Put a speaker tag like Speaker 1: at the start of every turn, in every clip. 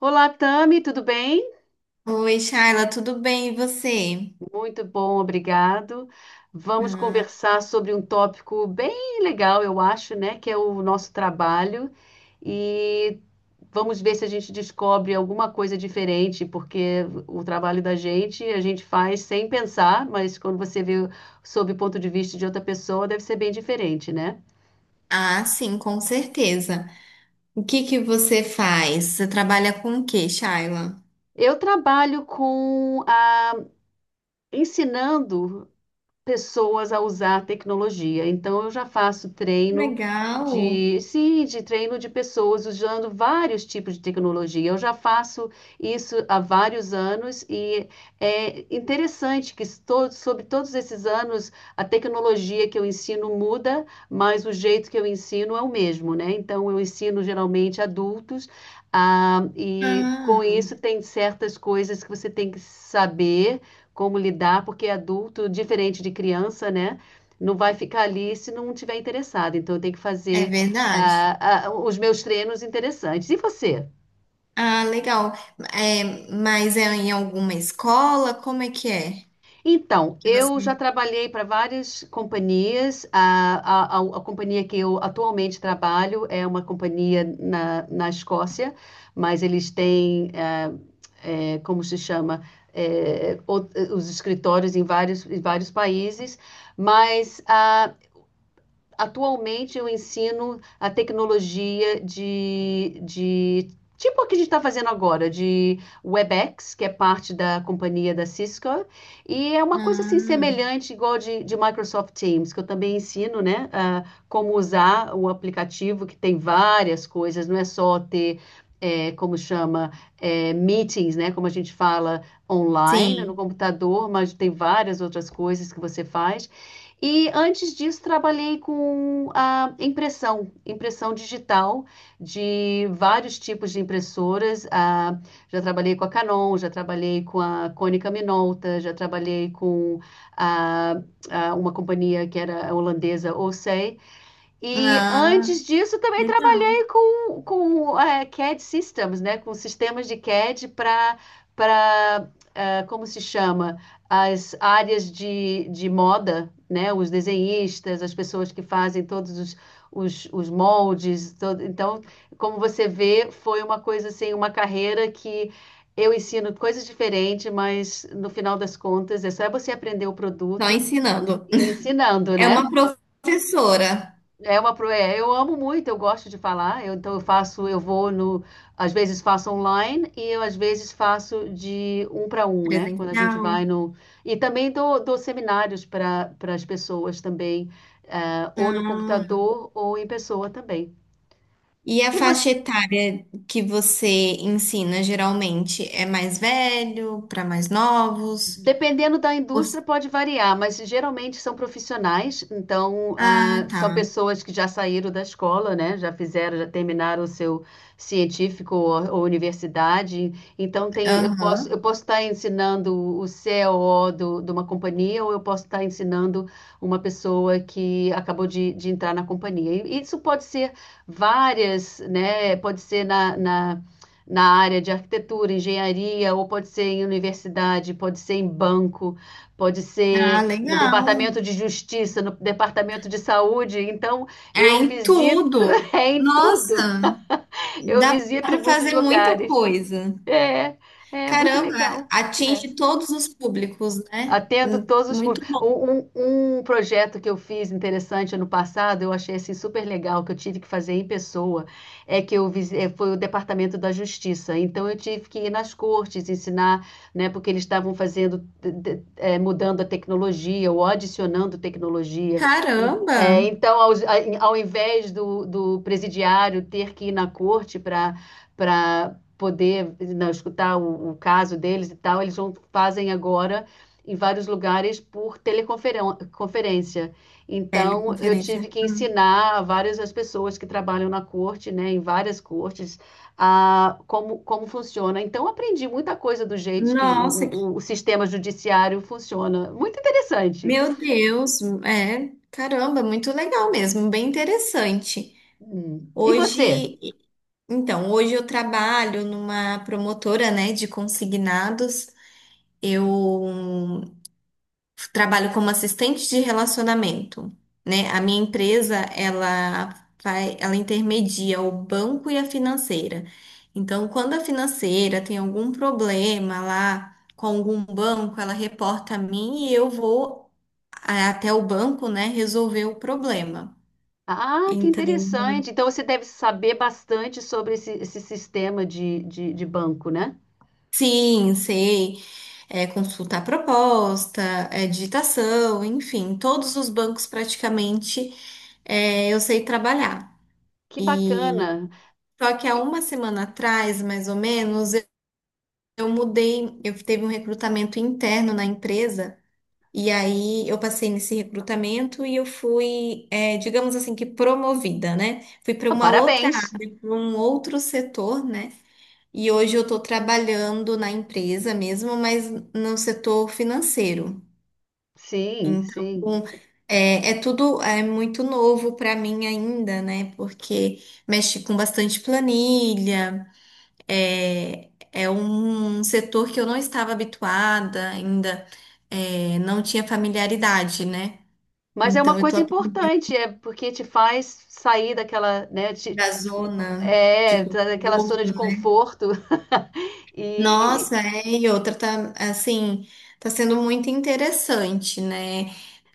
Speaker 1: Olá, Tami, tudo bem?
Speaker 2: Oi, Shaila, tudo bem? E você?
Speaker 1: Muito bom, obrigado. Vamos
Speaker 2: Ah,
Speaker 1: conversar sobre um tópico bem legal, eu acho, né? Que é o nosso trabalho. E vamos ver se a gente descobre alguma coisa diferente, porque o trabalho da gente a gente faz sem pensar, mas quando você vê sob o ponto de vista de outra pessoa, deve ser bem diferente, né?
Speaker 2: sim, com certeza. O que que você faz? Você trabalha com o quê, Shaila?
Speaker 1: Eu trabalho com a, ensinando pessoas a usar a tecnologia. Então, eu já faço treino
Speaker 2: Legal.
Speaker 1: de, sim, de treino de pessoas usando vários tipos de tecnologia. Eu já faço isso há vários anos e é interessante que todo, sobre todos esses anos a tecnologia que eu ensino muda, mas o jeito que eu ensino é o mesmo, né? Então, eu ensino geralmente adultos, e com
Speaker 2: Ah,
Speaker 1: isso tem certas coisas que você tem que saber como lidar, porque adulto, diferente de criança, né? Não vai ficar ali se não tiver interessado. Então, eu tenho que
Speaker 2: é
Speaker 1: fazer
Speaker 2: verdade.
Speaker 1: os meus treinos interessantes. E você?
Speaker 2: Ah, legal. É, mas é em alguma escola? Como é que é?
Speaker 1: Então,
Speaker 2: Que
Speaker 1: eu já
Speaker 2: você...
Speaker 1: trabalhei para várias companhias. A companhia que eu atualmente trabalho é uma companhia na, na Escócia, mas eles têm, como se chama, os escritórios em vários países. Mas atualmente eu ensino a tecnologia de tipo o que a gente está fazendo agora, de WebEx, que é parte da companhia da Cisco, e é uma coisa assim
Speaker 2: Ah,
Speaker 1: semelhante, igual de Microsoft Teams, que eu também ensino, né, a como usar o aplicativo, que tem várias coisas, não é só ter é, como chama, é, meetings, né? Como a gente fala online no
Speaker 2: sim.
Speaker 1: computador, mas tem várias outras coisas que você faz. E antes disso, trabalhei com a impressão, impressão digital de vários tipos de impressoras. Já trabalhei com a Canon, já trabalhei com a Konica Minolta, já trabalhei com a- a uma companhia que era holandesa, Olsay. E
Speaker 2: Ah,
Speaker 1: antes disso também
Speaker 2: legal.
Speaker 1: trabalhei com é, CAD Systems, né? Com sistemas de CAD para para como se chama? As áreas de moda, né? Os desenhistas, as pessoas que fazem todos os moldes. Todo... Então, como você vê, foi uma coisa assim, uma carreira que eu ensino coisas diferentes, mas no final das contas é só você aprender o
Speaker 2: Só
Speaker 1: produto
Speaker 2: ensinando.
Speaker 1: e ensinando,
Speaker 2: É
Speaker 1: né?
Speaker 2: uma professora
Speaker 1: É uma pro... é, eu amo muito, eu gosto de falar. Então eu faço, eu vou no, às vezes faço online e eu às vezes faço de um para um, né? Quando a gente vai
Speaker 2: presencial.
Speaker 1: no e também dou, dou seminários para para as pessoas também, ou no
Speaker 2: Ah,
Speaker 1: computador ou em pessoa também.
Speaker 2: e a
Speaker 1: E
Speaker 2: faixa
Speaker 1: você?
Speaker 2: etária que você ensina geralmente é mais velho, para mais novos?
Speaker 1: Dependendo da indústria,
Speaker 2: Os-
Speaker 1: pode variar, mas geralmente são profissionais, então
Speaker 2: Ah,
Speaker 1: são
Speaker 2: tá.
Speaker 1: pessoas que já saíram da escola, né? Já fizeram, já terminaram o seu científico ou universidade. Então tem, eu
Speaker 2: Aham.
Speaker 1: posso estar ensinando o CEO do, de uma companhia, ou eu posso estar ensinando uma pessoa que acabou de entrar na companhia. E isso pode ser várias, né? Pode ser na na área de arquitetura, engenharia, ou pode ser em universidade, pode ser em banco, pode
Speaker 2: Ah,
Speaker 1: ser no
Speaker 2: legal.
Speaker 1: departamento de justiça, no departamento de saúde. Então,
Speaker 2: É
Speaker 1: eu
Speaker 2: em
Speaker 1: visito
Speaker 2: tudo.
Speaker 1: é, em tudo.
Speaker 2: Nossa,
Speaker 1: Eu
Speaker 2: dá
Speaker 1: visito
Speaker 2: para
Speaker 1: muitos
Speaker 2: fazer muita
Speaker 1: lugares.
Speaker 2: coisa.
Speaker 1: É, é muito
Speaker 2: Caramba,
Speaker 1: legal. É.
Speaker 2: atinge todos os públicos, né?
Speaker 1: Atendo todos os
Speaker 2: Muito
Speaker 1: públicos.
Speaker 2: bom.
Speaker 1: Um projeto que eu fiz interessante ano passado, eu achei assim, super legal, que eu tive que fazer em pessoa, é que eu foi o Departamento da Justiça. Então eu tive que ir nas cortes ensinar, né, porque eles estavam fazendo, mudando a tecnologia ou adicionando tecnologia. E,
Speaker 2: Caramba.
Speaker 1: então, ao, invés do, do presidiário ter que ir na corte para para poder não, escutar o caso deles e tal, eles vão, fazem agora em vários lugares por teleconferência. Então, eu tive
Speaker 2: Teleconferência.
Speaker 1: que
Speaker 2: Hum.
Speaker 1: ensinar a várias as pessoas que trabalham na corte, né, em várias cortes, a, como, como funciona. Então, aprendi muita coisa do jeito que
Speaker 2: Nossa, que...
Speaker 1: o sistema judiciário funciona. Muito interessante.
Speaker 2: Meu Deus, é, caramba, muito legal mesmo, bem interessante.
Speaker 1: Hum. E
Speaker 2: Hoje,
Speaker 1: você?
Speaker 2: então, hoje eu trabalho numa promotora, né, de consignados. Eu trabalho como assistente de relacionamento, né? A minha empresa, ela vai, ela intermedia o banco e a financeira. Então, quando a financeira tem algum problema lá com algum banco, ela reporta a mim e eu vou até o banco, né, resolver o problema.
Speaker 1: Ah, que
Speaker 2: Então,
Speaker 1: interessante. Então, você deve saber bastante sobre esse, esse sistema de banco, né?
Speaker 2: sim, sei. É, consultar proposta, é, digitação, enfim, todos os bancos praticamente é, eu sei trabalhar.
Speaker 1: Que
Speaker 2: E
Speaker 1: bacana.
Speaker 2: só que há
Speaker 1: E,
Speaker 2: uma semana atrás, mais ou menos, eu mudei, eu teve um recrutamento interno na empresa, e aí eu passei nesse recrutamento e eu fui, é, digamos assim, que promovida, né? Fui para
Speaker 1: ah,
Speaker 2: uma outra,
Speaker 1: parabéns.
Speaker 2: área, para um outro setor, né? E hoje eu estou trabalhando na empresa mesmo, mas no setor financeiro.
Speaker 1: Sim, sim.
Speaker 2: Então, é, é tudo é muito novo para mim ainda, né? Porque mexe com bastante planilha, é, é um setor que eu não estava habituada ainda, é, não tinha familiaridade, né?
Speaker 1: Mas é
Speaker 2: Então,
Speaker 1: uma
Speaker 2: eu estou
Speaker 1: coisa
Speaker 2: aprendendo
Speaker 1: importante, é porque te faz sair daquela, né,
Speaker 2: da zona de
Speaker 1: é, daquela zona
Speaker 2: conforto.
Speaker 1: de conforto. E
Speaker 2: Nossa, é, e outra tá, assim, tá sendo muito interessante, né?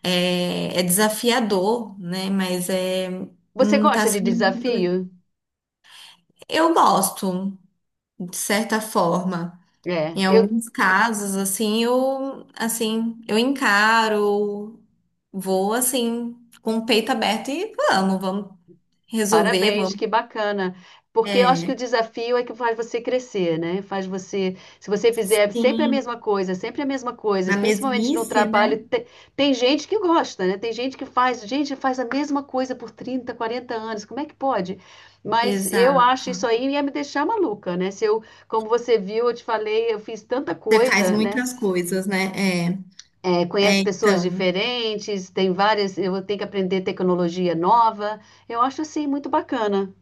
Speaker 2: É, é desafiador, né?
Speaker 1: você
Speaker 2: Tá
Speaker 1: gosta de
Speaker 2: sendo
Speaker 1: desafio?
Speaker 2: Eu gosto, de certa forma.
Speaker 1: É,
Speaker 2: Em
Speaker 1: eu
Speaker 2: alguns casos, assim, assim, eu encaro, vou, assim, com o peito aberto e vamos, vamos resolver,
Speaker 1: parabéns,
Speaker 2: vamos...
Speaker 1: que bacana. Porque eu acho que o
Speaker 2: É,
Speaker 1: desafio é que faz você crescer, né? Faz você, se você fizer sempre a
Speaker 2: sim,
Speaker 1: mesma coisa, sempre a mesma
Speaker 2: na
Speaker 1: coisa, principalmente no
Speaker 2: mesmice,
Speaker 1: trabalho,
Speaker 2: né?
Speaker 1: te- tem, gente que gosta, né? Tem gente que faz, gente, faz a mesma coisa por 30, 40 anos. Como é que pode? Mas eu acho
Speaker 2: Exato.
Speaker 1: isso aí ia me deixar maluca, né? Se eu, como você viu, eu te falei, eu fiz tanta
Speaker 2: Você faz
Speaker 1: coisa, né?
Speaker 2: muitas coisas, né? É.
Speaker 1: É,
Speaker 2: É,
Speaker 1: conhece pessoas
Speaker 2: então.
Speaker 1: diferentes, tem várias, eu tenho que aprender tecnologia nova. Eu acho assim muito bacana.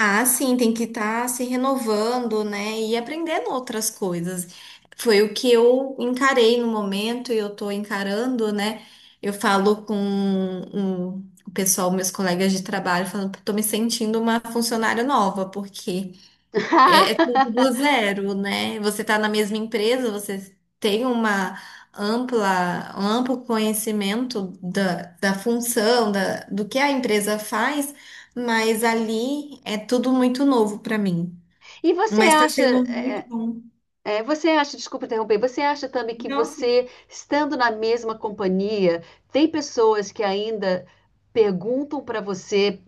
Speaker 2: Ah, sim, tem que estar se renovando, né? E aprendendo outras coisas. Foi o que eu encarei no momento e eu tô encarando, né? Eu falo com um- O pessoal, meus colegas de trabalho, falando que tô me sentindo uma funcionária nova, porque é, é tudo do zero, né? Você está na mesma empresa, você tem uma ampla, um amplo conhecimento da, da função, da, do que a empresa faz, mas ali é tudo muito novo para mim.
Speaker 1: E você
Speaker 2: Mas está
Speaker 1: acha,
Speaker 2: sendo muito bom.
Speaker 1: é, você acha, desculpa interromper, você acha também que
Speaker 2: Nossa.
Speaker 1: você, estando na mesma companhia, tem pessoas que ainda perguntam para você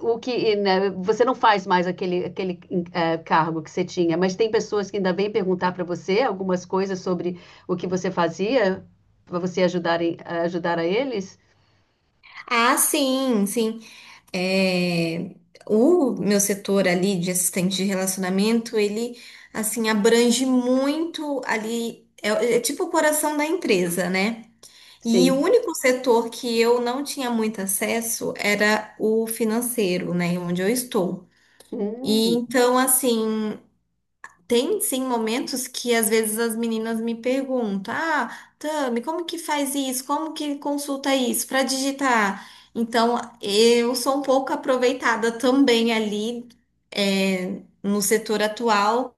Speaker 1: o que, né, você não faz mais aquele, aquele cargo que você tinha, mas tem pessoas que ainda vêm perguntar para você algumas coisas sobre o que você fazia para você ajudar, ajudar a eles?
Speaker 2: Ah, sim, sim. É, o meu setor ali de assistente de relacionamento, ele, assim, abrange muito ali, é tipo o coração da empresa, né? E o
Speaker 1: Sim.
Speaker 2: único setor que eu não tinha muito acesso era o financeiro, né, onde eu estou. E
Speaker 1: Hum.
Speaker 2: então, assim, tem sim momentos que às vezes as meninas me perguntam: Ah, Tami, como que faz isso? Como que consulta isso para digitar? Então, eu sou um pouco aproveitada também ali, é, no setor atual,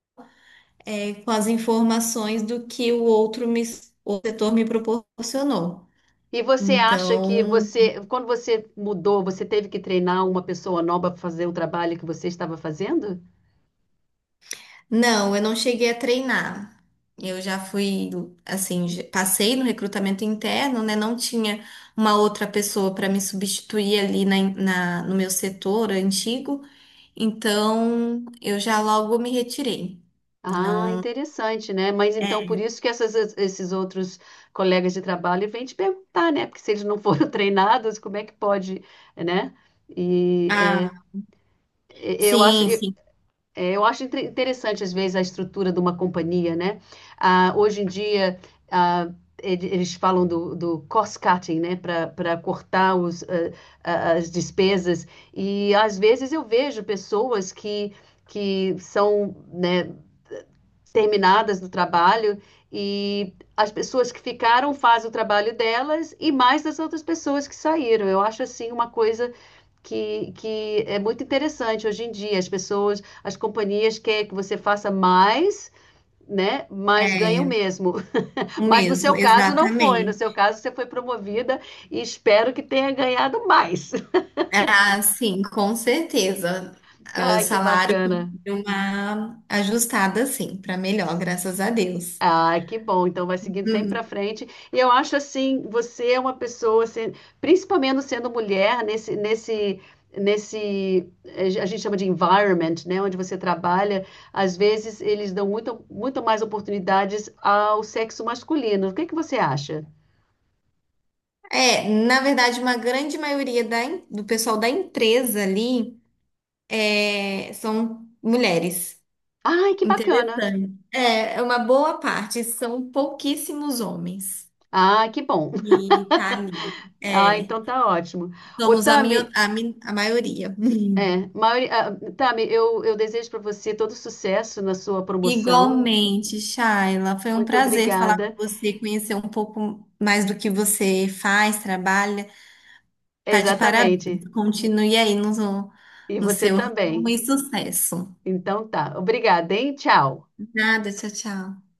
Speaker 2: é, com as informações do que o outro me, o setor me proporcionou.
Speaker 1: E você acha que
Speaker 2: Então.
Speaker 1: você, quando você mudou, você teve que treinar uma pessoa nova para fazer o trabalho que você estava fazendo?
Speaker 2: Não, eu não cheguei a treinar. Eu já fui, assim, passei no recrutamento interno, né? Não tinha uma outra pessoa para me substituir ali no meu setor antigo, então eu já logo me retirei.
Speaker 1: Ah,
Speaker 2: Não.
Speaker 1: interessante, né? Mas então
Speaker 2: É.
Speaker 1: por isso que esses outros colegas de trabalho vêm te perguntar, né? Porque se eles não foram treinados, como é que pode, né? E é,
Speaker 2: Ah,
Speaker 1: eu acho.
Speaker 2: sim, sim.
Speaker 1: É, eu acho interessante, às vezes, a estrutura de uma companhia, né? Ah, hoje em dia, ah, eles falam do, do cost-cutting, né? Para cortar os, as despesas. E, às vezes, eu vejo pessoas que são, né, terminadas do trabalho e as pessoas que ficaram fazem o trabalho delas e mais das outras pessoas que saíram. Eu acho, assim, uma coisa que é muito interessante hoje em dia. As pessoas, as companhias querem que você faça mais, né? Mas ganham
Speaker 2: É,
Speaker 1: mesmo.
Speaker 2: o
Speaker 1: Mas no
Speaker 2: mesmo,
Speaker 1: seu caso não foi. No seu
Speaker 2: exatamente.
Speaker 1: caso você foi promovida e espero que tenha ganhado mais.
Speaker 2: Ah, sim, com certeza. Ah, o
Speaker 1: Ai, que
Speaker 2: salário
Speaker 1: bacana.
Speaker 2: deu uma ajustada, sim, para melhor, graças a Deus.
Speaker 1: Ah, que bom. Então vai seguindo sempre para frente. E eu acho assim, você é uma pessoa, assim, principalmente sendo mulher, nesse, nesse, nesse, a gente chama de environment, né, onde você trabalha, às vezes eles dão muito, muito mais oportunidades ao sexo masculino. O que que você acha?
Speaker 2: É, na verdade, uma grande maioria do pessoal da empresa ali é, são mulheres.
Speaker 1: Ai, que bacana.
Speaker 2: Interessante. É, é uma boa parte, são pouquíssimos homens.
Speaker 1: Ah, que bom.
Speaker 2: E tá ali.
Speaker 1: Ah,
Speaker 2: É,
Speaker 1: então tá ótimo. Ô,
Speaker 2: somos a, mio-
Speaker 1: Tami,
Speaker 2: a, mi- a maioria.
Speaker 1: é, maioria, ah, Tami, eu desejo para você todo sucesso na sua promoção.
Speaker 2: Igualmente, Shaila, foi um
Speaker 1: Muito
Speaker 2: prazer falar com
Speaker 1: obrigada.
Speaker 2: você, conhecer um pouco mais do que você faz, trabalha. Tá de parabéns.
Speaker 1: Exatamente.
Speaker 2: Continue aí no,
Speaker 1: E
Speaker 2: no
Speaker 1: você
Speaker 2: seu ramo e
Speaker 1: também.
Speaker 2: sucesso.
Speaker 1: Então tá. Obrigada, hein? Tchau.
Speaker 2: Nada, tchau, tchau.